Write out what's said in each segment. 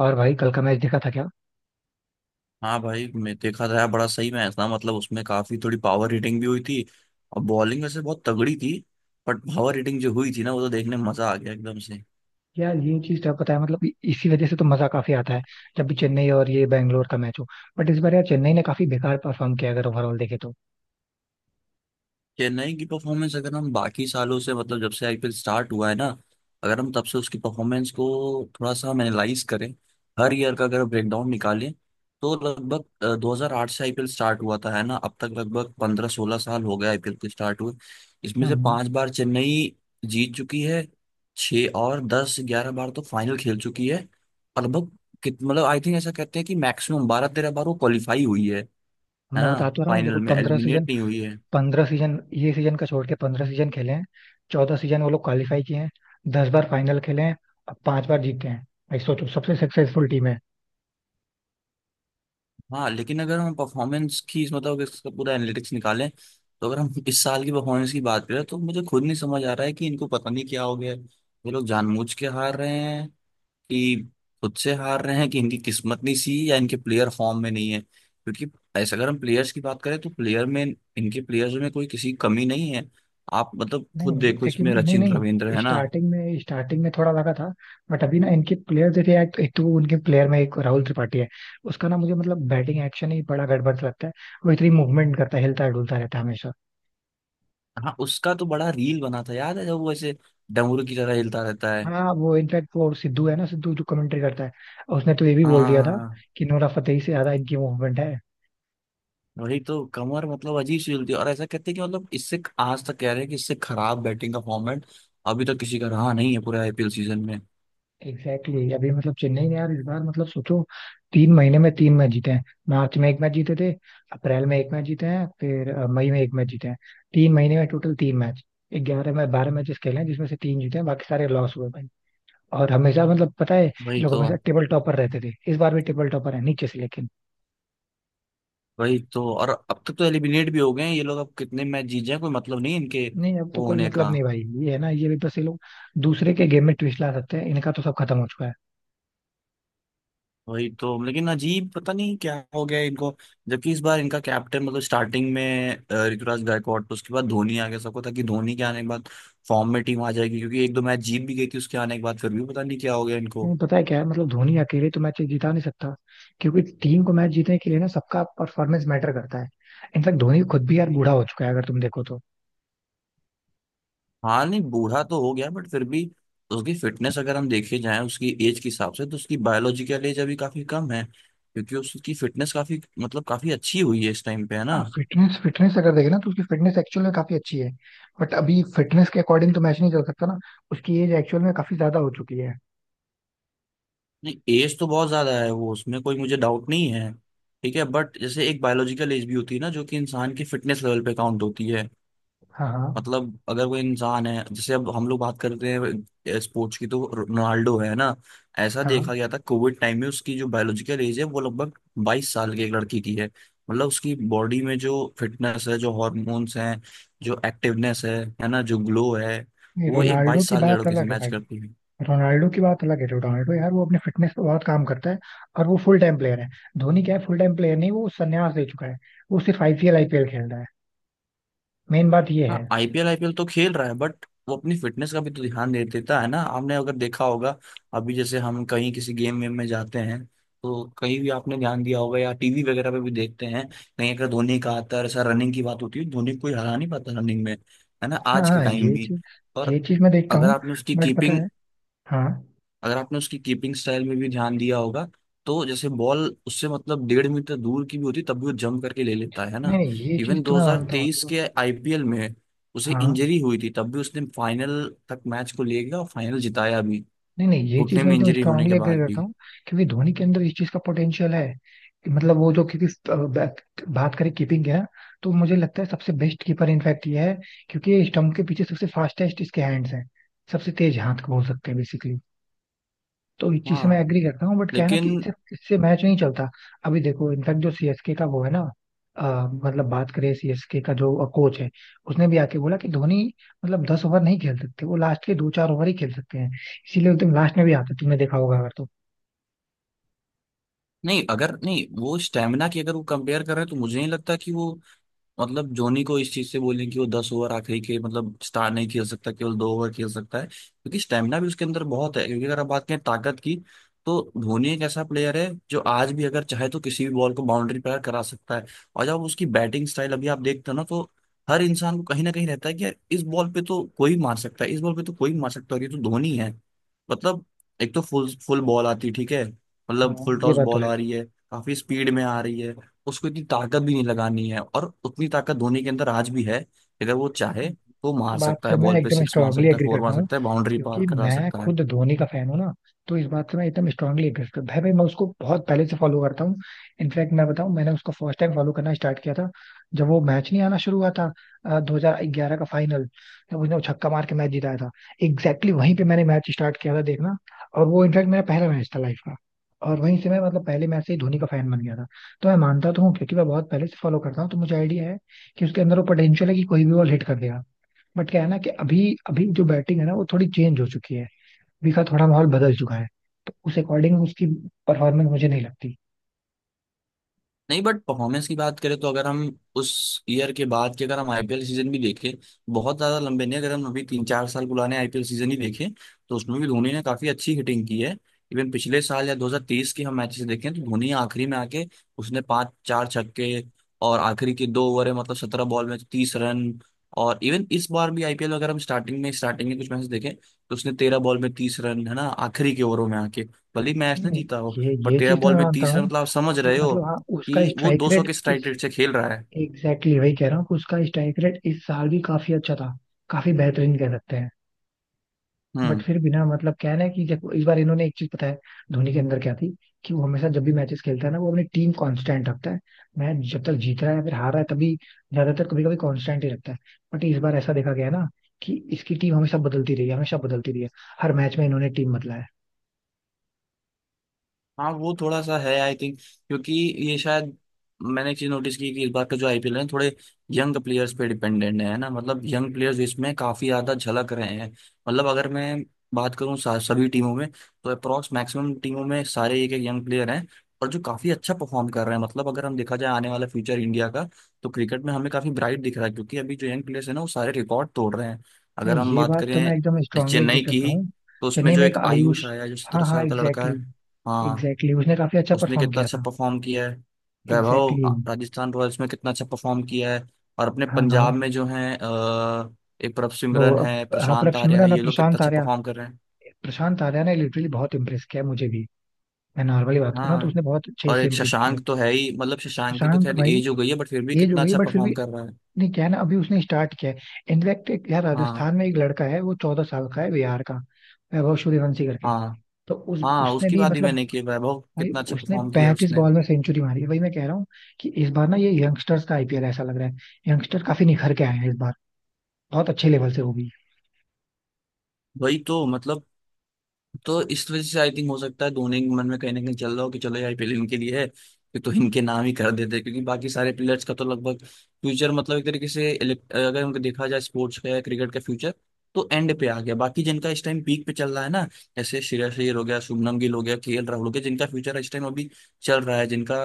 और भाई कल का मैच देखा था क्या? हाँ भाई मैं देखा था यार, बड़ा सही मैच था मतलब उसमें काफी थोड़ी पावर हिटिंग भी हुई थी। और बॉलिंग वैसे बहुत तगड़ी थी। बट पावर हिटिंग जो हुई थी ना वो तो देखने में मजा आ गया एकदम से। यार ये चीज तो पता है, मतलब इसी वजह से तो मजा काफी आता है। जब भी चेन्नई और ये बैंगलोर का मैच हो। बट इस बार यार चेन्नई ने काफी बेकार परफॉर्म किया, अगर ओवरऑल देखे तो। चेन्नई की परफॉर्मेंस अगर हम बाकी सालों से मतलब जब से आईपीएल स्टार्ट हुआ है ना, अगर हम तब से उसकी परफॉर्मेंस को थोड़ा सा हम एनालाइज करें, हर ईयर का अगर ब्रेकडाउन निकालें, तो लगभग 2008 से आईपीएल स्टार्ट हुआ था, है ना। अब तक लगभग 15-16 साल हो गए आईपीएल के स्टार्ट हुए। इसमें से हम्म। पांच बार चेन्नई जीत चुकी है। छः और 10 11 बार तो फाइनल खेल चुकी है। और लगभग कित मतलब आई थिंक ऐसा कहते हैं कि मैक्सिमम 12 13 बार वो क्वालिफाई हुई है मैं ना। बता तो रहा हूँ फाइनल देखो, में 15 सीजन। एलिमिनेट नहीं हुई है। 15 सीजन, ये सीजन का छोड़ के 15 सीजन खेले हैं। 14 सीजन वो लोग क्वालिफाई किए हैं। 10 बार फाइनल खेले हैं। अब पांच बार जीते हैं। भाई सोचो, सबसे सक्सेसफुल टीम है। हाँ, लेकिन अगर हम परफॉर्मेंस की मतलब इसका पूरा एनालिटिक्स निकालें, तो अगर हम इस साल की परफॉर्मेंस की बात करें तो मुझे खुद नहीं समझ आ रहा है कि इनको पता नहीं क्या हो गया है, ये लोग जानबूझ के हार रहे हैं कि खुद से हार रहे हैं कि इनकी किस्मत नहीं सी या इनके प्लेयर फॉर्म में नहीं है, क्योंकि ऐसा अगर हम प्लेयर्स की बात करें तो प्लेयर में इनके प्लेयर्स में कोई किसी की कमी नहीं है। आप मतलब खुद नहीं देखो, लेकिन, इसमें नहीं सचिन रविंद्र नहीं, है ना। स्टार्टिंग में स्टार्टिंग में थोड़ा लगा था। बट अभी ना इनके प्लेयर देखिए, एक तो उनके प्लेयर में एक राहुल त्रिपाठी है। उसका ना मुझे मतलब बैटिंग एक्शन ही बड़ा गड़बड़ सा लगता है। वो इतनी मूवमेंट करता है, हिलता डुलता रहता है हमेशा। हाँ, उसका तो बड़ा रील बना था, याद है जब वो ऐसे डमरू की तरह हिलता रहता है। हाँ वो इनफैक्ट वो सिद्धू है ना, सिद्धू जो कमेंट्री करता है। उसने तो ये भी हाँ बोल हाँ, दिया था हाँ, हाँ। कि नोरा फतेही से ज्यादा इनकी मूवमेंट है। वही तो, कमर मतलब अजीब सी चलती है, और ऐसा कहते हैं कि मतलब इससे आज तक कह रहे हैं कि इससे खराब बैटिंग का फॉर्मेट अभी तक किसी का रहा नहीं है पूरे आईपीएल सीजन में। Exactly exactly। अभी मतलब चेन्नई ने यार इस बार मतलब सोचो, तीन महीने में तीन मैच जीते हैं। मार्च में एक मैच जीते थे। अप्रैल में एक मैच जीते हैं, फिर मई में एक मैच जीते हैं। तीन महीने में टोटल तीन मैच। ग्यारह में 12 मैचेस खेले हैं जिसमें से तीन जीते हैं, बाकी सारे लॉस हुए भाई। और हमेशा, मतलब पता है, ये वही लोग तो हमेशा टेबल टॉपर रहते थे, इस बार भी टेबल टॉपर है नीचे से लेकिन। वही तो और अब तक तो एलिमिनेट भी हो गए हैं ये लोग, अब कितने मैच जीत जाए कोई मतलब नहीं इनके नहीं अब तो वो कोई होने मतलब का। नहीं भाई, ये है ना, ये भी बस ये लोग दूसरे के गेम में ट्विस्ट ला सकते हैं, इनका तो सब खत्म हो चुका है। वही तो, लेकिन अजीब, पता नहीं क्या हो गया इनको। जबकि इस बार इनका कैप्टन मतलब स्टार्टिंग में ऋतुराज गायकवाड, तो उसके बाद धोनी आ गया, सबको था कि धोनी के आने के बाद फॉर्म में टीम आ जाएगी क्योंकि एक दो मैच जीत भी गई थी उसके आने के बाद, फिर भी पता नहीं क्या हो गया इनको। नहीं पता है क्या है, मतलब धोनी अकेले तो मैच जीता नहीं सकता। क्योंकि टीम को मैच जीतने के लिए ना सबका परफॉर्मेंस मैटर करता है। इनफैक्ट धोनी खुद भी यार बूढ़ा हो चुका है अगर तुम देखो तो। हाँ, नहीं बूढ़ा तो हो गया बट फिर भी तो उसकी फिटनेस अगर हम देखे जाएं उसकी एज के हिसाब से तो उसकी बायोलॉजिकल एज अभी काफी कम है, क्योंकि उसकी फिटनेस काफी मतलब काफी अच्छी हुई है इस टाइम पे, है ना। फिटनेस, फिटनेस अगर देखें ना तो उसकी फिटनेस एक्चुअल में काफी अच्छी है। बट अभी फिटनेस के अकॉर्डिंग तो मैच नहीं चल सकता ना। उसकी एज एक्चुअल में काफी ज्यादा हो चुकी है। नहीं, एज तो बहुत ज्यादा है, वो उसमें कोई मुझे डाउट नहीं है। ठीक है, बट जैसे एक बायोलॉजिकल एज भी होती है ना, जो कि इंसान की फिटनेस लेवल पे काउंट होती है। हाँ हाँ। मतलब अगर कोई इंसान है, जैसे अब हम लोग बात करते हैं स्पोर्ट्स की तो रोनाल्डो है ना। ऐसा हाँ देखा गया था कोविड टाइम में उसकी जो बायोलॉजिकल एज है वो लगभग 22 साल की एक लड़की की है। मतलब उसकी बॉडी में जो फिटनेस है, जो हॉर्मोन्स हैं, जो एक्टिवनेस है ना, जो ग्लो है, नहीं, वो एक रोनाल्डो 22 की साल के बात लड़के से अलग है मैच भाई। करती है। रोनाल्डो की बात अलग है। रोनाल्डो यार वो अपने फिटनेस पे बहुत काम करता है। और वो फुल टाइम प्लेयर है। धोनी क्या है? फुल टाइम प्लेयर नहीं, वो संन्यास ले चुका है। वो सिर्फ आईपीएल आईपीएल खेल रहा है। मेन बात ये है। हाँ, आईपीएल आईपीएल तो खेल रहा है, बट वो अपनी फिटनेस का भी तो ध्यान दे देता है ना, आपने अगर देखा होगा। अभी जैसे हम कहीं किसी गेम वेम में जाते हैं, तो कहीं भी आपने ध्यान दिया होगा या टीवी वगैरह पे भी देखते हैं, कहीं अगर धोनी का आता है, ऐसा रनिंग की बात होती है, धोनी को कोई हरा नहीं पाता रनिंग में, है ना, हाँ आज के हाँ, टाइम ये भी। चीज, ये और चीज मैं देखता अगर हूँ। आपने उसकी बट पता कीपिंग है। हाँ। अगर आपने उसकी कीपिंग स्टाइल में भी ध्यान दिया होगा, तो जैसे बॉल उससे मतलब 1.5 मीटर दूर की भी होती तब भी वो जंप करके ले लेता है नहीं ना। नहीं, ये चीज इवन तो मैं मानता हूँ 2023 देखो। के आईपीएल में उसे हाँ। इंजरी हुई थी, तब भी उसने फाइनल तक मैच को ले गया और फाइनल जिताया भी, नहीं नहीं, ये चीज घुटने मैं में एकदम इंजरी होने के स्ट्रांगली एग्री बाद करता भी। हूँ। क्योंकि धोनी के अंदर इस चीज का पोटेंशियल है कि मतलब वो जो, क्योंकि बात करें कीपिंग है, तो मुझे लगता है सबसे बेस्ट कीपर इनफैक्ट ये है। क्योंकि स्टंप के पीछे सबसे फास्टेस्ट इसके हैंड्स हैं। सबसे तेज हाथ बोल सकते हैं। तो इस चीज से हाँ मैं एग्री करता हूँ, बट क्या है ना कि लेकिन इससे इससे मैच नहीं चलता। अभी देखो, इनफैक्ट जो सीएसके का वो है ना, मतलब बात करें सीएसके का जो कोच है, उसने भी आके बोला कि धोनी मतलब 10 ओवर नहीं खेल सकते, वो लास्ट के दो चार ओवर ही खेल सकते हैं। इसीलिए तुम लास्ट में भी आते तुमने देखा होगा अगर तो। नहीं, अगर नहीं वो स्टेमिना की अगर वो कंपेयर कर रहे हैं तो मुझे नहीं लगता कि वो मतलब धोनी को इस चीज से बोलें कि वो 10 ओवर आखिरी के मतलब स्टार नहीं खेल सकता, केवल 2 ओवर खेल सकता है, क्योंकि स्टेमिना भी उसके अंदर बहुत है, क्योंकि अगर आप बात करें ताकत की, तो धोनी एक ऐसा प्लेयर है जो आज भी अगर चाहे तो किसी भी बॉल को बाउंड्री पार करा सकता है। और जब उसकी बैटिंग स्टाइल अभी आप देखते हो ना, तो हर इंसान को कहीं ना कहीं रहता है कि यार इस बॉल पे तो कोई मार सकता है, इस बॉल पे तो कोई मार सकता है, और ये तो धोनी है, मतलब एक तो फुल फुल बॉल आती है, ठीक है, मतलब हाँ फुल ये टॉस बात तो बॉल आ रही है, काफी स्पीड में आ रही है, उसको इतनी ताकत भी नहीं लगानी है, और उतनी ताकत धोनी के अंदर आज भी है, अगर वो चाहे है। तो मार बात सकता है, से मैं बॉल पे एकदम सिक्स मार स्ट्रांगली सकता है, एग्री फोर मार करता हूँ, सकता है, बाउंड्री पार क्योंकि करा मैं सकता है। खुद धोनी का फैन हूँ ना। तो इस बात से मैं एकदम स्ट्रांगली एग्री करता हूँ भाई। भाई मैं उसको बहुत पहले से फॉलो करता हूँ। इनफैक्ट मैं बताऊँ, मैंने उसको फर्स्ट टाइम फॉलो करना स्टार्ट किया था जब वो मैच नहीं आना शुरू हुआ था। 2011 का फाइनल, तब उसने वो छक्का मार के मैच जिताया था। एग्जैक्टली exactly, वहीं पे मैंने मैच स्टार्ट किया था देखना। और वो इनफैक्ट मेरा पहला मैच था लाइफ का। और वहीं से मैं मतलब पहले मैच से ही धोनी का फैन बन गया था। तो मैं मानता तो हूँ क्योंकि मैं बहुत पहले से फॉलो करता हूँ, तो मुझे आइडिया है कि उसके अंदर वो पोटेंशियल है कि कोई भी बॉल हिट कर देगा। बट क्या है ना कि अभी, अभी जो बैटिंग है ना, वो थोड़ी चेंज हो चुकी है। अभी का थोड़ा माहौल बदल चुका है। तो उस अकॉर्डिंग उसकी परफॉर्मेंस मुझे नहीं लगती। नहीं, बट परफॉर्मेंस की बात करें तो अगर हम उस ईयर के बाद के अगर हम आईपीएल सीजन भी देखें, बहुत ज्यादा लंबे नहीं, अगर हम अभी तीन चार साल पुराने आईपीएल सीजन ही देखें तो उसमें भी धोनी ने काफी अच्छी हिटिंग की है। इवन पिछले साल या 2023 के हम मैचेस देखें तो धोनी आखिरी में आके उसने पांच चार छक्के, और आखिरी के दो ओवर है, मतलब 17 बॉल में 30 रन। और इवन इस बार भी आईपीएल अगर हम स्टार्टिंग में कुछ मैचेस देखें, तो उसने 13 बॉल में 30 रन, है ना, आखिरी के ओवरों में आके, भले ही मैच नहीं ना नहीं, जीता हो। ये बट ये 13 चीज तो बॉल मैं में मानता 30 रन हूँ मतलब आप समझ कि रहे हो मतलब हाँ उसका कि वो स्ट्राइक 200 रेट के स्ट्राइक इस। रेट से खेल रहा है। एग्जैक्टली exactly, वही कह रहा हूँ कि उसका स्ट्राइक रेट इस साल भी काफी अच्छा था। काफी बेहतरीन कह सकते हैं। बट हम्म। फिर भी ना मतलब क्या है ना कि देखो इस बार इन्होंने एक चीज, पता है धोनी के अंदर क्या थी? कि वो हमेशा जब भी मैचेस खेलता है ना वो अपनी टीम कांस्टेंट रखता है। मैच जब तक जीत रहा है या फिर हार रहा है तभी, ज्यादातर कभी कभी कांस्टेंट ही रखता है। बट इस बार ऐसा देखा गया है ना, कि इसकी टीम हमेशा बदलती रही है, हमेशा बदलती रही है। हर मैच में इन्होंने टीम बदला है। हाँ वो थोड़ा सा है आई थिंक, क्योंकि ये शायद मैंने एक चीज नोटिस की, कि इस बार का जो आईपीएल है थोड़े यंग प्लेयर्स पे डिपेंडेंट है ना, मतलब यंग प्लेयर्स इसमें काफी ज्यादा झलक रहे हैं। मतलब अगर मैं बात करूँ सभी टीमों में, तो अप्रोक्स मैक्सिमम टीमों में सारे एक एक यंग प्लेयर हैं, और जो काफी अच्छा परफॉर्म कर रहे हैं, मतलब अगर हम देखा जाए आने वाला फ्यूचर इंडिया का, तो क्रिकेट में हमें काफी ब्राइट दिख रहा है, क्योंकि अभी जो यंग प्लेयर्स है ना वो सारे रिकॉर्ड तोड़ रहे हैं। नहीं अगर हम ये बात बात तो मैं करें एकदम स्ट्रांगली एग्री चेन्नई की करता ही, हूँ। तो उसमें चेन्नई जो में एक एक आयुष। आयुष आया है, जो 17 हाँ हाँ, साल का लड़का एग्जैक्टली है। exactly। हाँ, एग्जैक्टली exactly, उसने काफी अच्छा उसने परफॉर्म कितना किया अच्छा था। परफॉर्म किया है। Vaibhav exactly exactly। Rajasthan Royals में कितना अच्छा परफॉर्म किया है। और अपने हाँ हाँ। पंजाब में जो है, एक प्रभ सिमरन है, हाँ प्रभ प्रशांत आर्या है, सिमरन और ये लोग कितना प्रशांत अच्छा आर्या, परफॉर्म कर रहे हैं। प्रशांत आर्या ने लिटरली बहुत इम्प्रेस किया है मुझे भी। मैं नॉर्मली बात कर रहा हूँ, तो उसने हाँ। बहुत अच्छे और से एक इम्प्रेस किया है। शशांक तो है ही, मतलब शशांक की तो शशांक खैर भाई, एज हो गई है, बट फिर भी एज हो कितना गई अच्छा बट फिर परफॉर्म भी। कर रहा है। नहीं क्या है ना अभी उसने स्टार्ट किया है, इनफैक्ट एक यार हाँ। राजस्थान में एक लड़का है वो 14 साल का है, बिहार का। वैभव सूर्यवंशी करके। हाँ तो उस हाँ, उसने उसकी भी बात ही मतलब, मैंने की है, वैभव भाई कितना अच्छा उसने परफॉर्म किया पैंतीस उसने। बॉल में सेंचुरी मारी है भाई, मैं कह रहा हूँ कि इस बार ना ये यंगस्टर्स का आईपीएल ऐसा लग रहा है। यंगस्टर काफी निखर के आए हैं इस बार, बहुत अच्छे लेवल से वो भी। वही तो मतलब, तो इस वजह से आई थिंक हो सकता है धोनी के मन में कहीं ना कहीं चल रहा हो कि चलो ये आईपीएल इनके लिए है, कि तो इनके नाम ही कर देते हैं। क्योंकि बाकी सारे प्लेयर्स का तो लगभग फ्यूचर मतलब एक तरीके से अगर उनको देखा जाए स्पोर्ट्स का या क्रिकेट का फ्यूचर, तो एंड पे आ गया, बाकी जिनका इस टाइम पीक पे चल रहा है ना, जैसे श्रेयस अय्यर हो गया, शुभमन गिल हो गया, केएल राहुल हो गया, जिनका फ्यूचर इस टाइम अभी चल रहा है, जिनका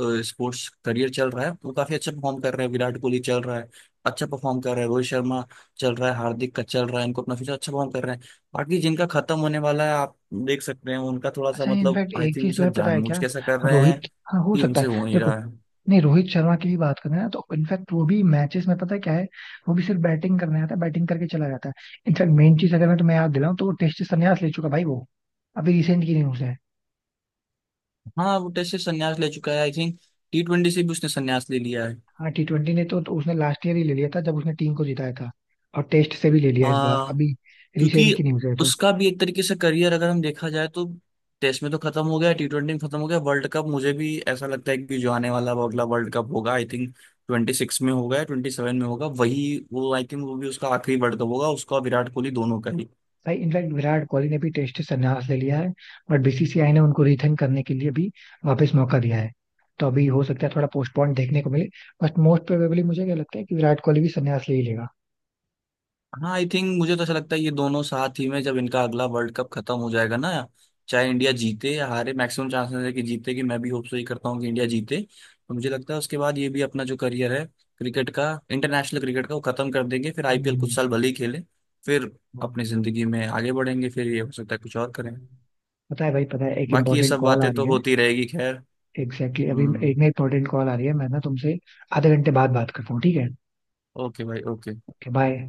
स्पोर्ट्स करियर चल रहा है, वो काफी अच्छा परफॉर्म कर रहे हैं, विराट कोहली चल रहा है, अच्छा परफॉर्म कर रहा है, रोहित शर्मा चल रहा है, हार्दिक का चल रहा है, इनको अपना फ्यूचर, अच्छा परफॉर्म कर रहे हैं। बाकी जिनका खत्म होने वाला है आप देख सकते हैं, उनका थोड़ा सा अच्छा मतलब इनफैक्ट आई एक थिंक चीज शायद तुम्हें पता है क्या? जानबूझ कैसा कर रहे हैं, रोहित, हाँ हो कि सकता है। उनसे हो नहीं देखो, रहा है। नहीं रोहित शर्मा की भी बात करें ना तो इनफैक्ट वो भी मैचेस में पता है क्या है? वो भी सिर्फ बैटिंग करने आता है, बैटिंग करके चला जाता है। इनफैक्ट मेन चीज अगर मैं तुम्हें याद दिलाऊं तो वो टेस्ट से संन्यास ले चुका भाई, वो अभी रिसेंट की न्यूज है। हाँ, वो टेस्ट से संन्यास ले चुका है आई थिंक, टी ट्वेंटी से भी उसने संन्यास ले लिया है। हाँ टी ट्वेंटी ने तो उसने लास्ट ईयर ही ले लिया था जब उसने टीम को जिताया था। और टेस्ट से भी ले लिया इस बार, हाँ, अभी रिसेंट की क्योंकि न्यूज है तो। उसका भी एक तरीके से करियर अगर हम देखा जाए, तो टेस्ट में तो खत्म हो गया, टी ट्वेंटी में खत्म हो गया, वर्ल्ड कप मुझे भी ऐसा लगता है कि जो आने वाला वो अगला वर्ल्ड कप होगा, आई थिंक 2026 में होगा या 2027 में होगा, वही वो, आई थिंक वो भी उसका आखिरी वर्ल्ड कप होगा, उसका और विराट कोहली दोनों का ही। भाई इनफैक्ट विराट कोहली ने भी टेस्ट से संन्यास ले लिया है। बट बीसीसीआई ने उनको रिथिंक करने के लिए भी वापस मौका दिया है। तो अभी हो सकता है थोड़ा पोस्टपोन देखने को मिले। बट मोस्ट प्रोबेबली मुझे क्या लगता है कि विराट कोहली भी संन्यास ले ही लेगा। हाँ, आई थिंक मुझे तो ऐसा लगता है ये दोनों साथ ही में, जब इनका अगला वर्ल्ड कप खत्म हो जाएगा ना, चाहे इंडिया जीते या हारे, मैक्सिमम चांसेस है कि जीते, कि मैं भी होप सो ही करता हूँ कि इंडिया जीते, तो मुझे लगता है उसके बाद ये भी अपना जो करियर है क्रिकेट का, इंटरनेशनल क्रिकेट का वो खत्म कर देंगे, फिर आईपीएल कुछ हम्म, साल भले ही खेले, फिर अपनी जिंदगी में आगे बढ़ेंगे, फिर ये हो सकता है कुछ और करें। पता है भाई, पता है, एक बाकी ये इम्पोर्टेंट सब कॉल आ बातें रही तो है। होती रहेगी खैर। एग्जैक्टली exactly, अभी हम्म। एक ना इम्पोर्टेंट कॉल आ रही है, मैं ना तुमसे आधे घंटे बाद बात करता हूँ, ठीक है। ओके भाई, ओके। Okay bye.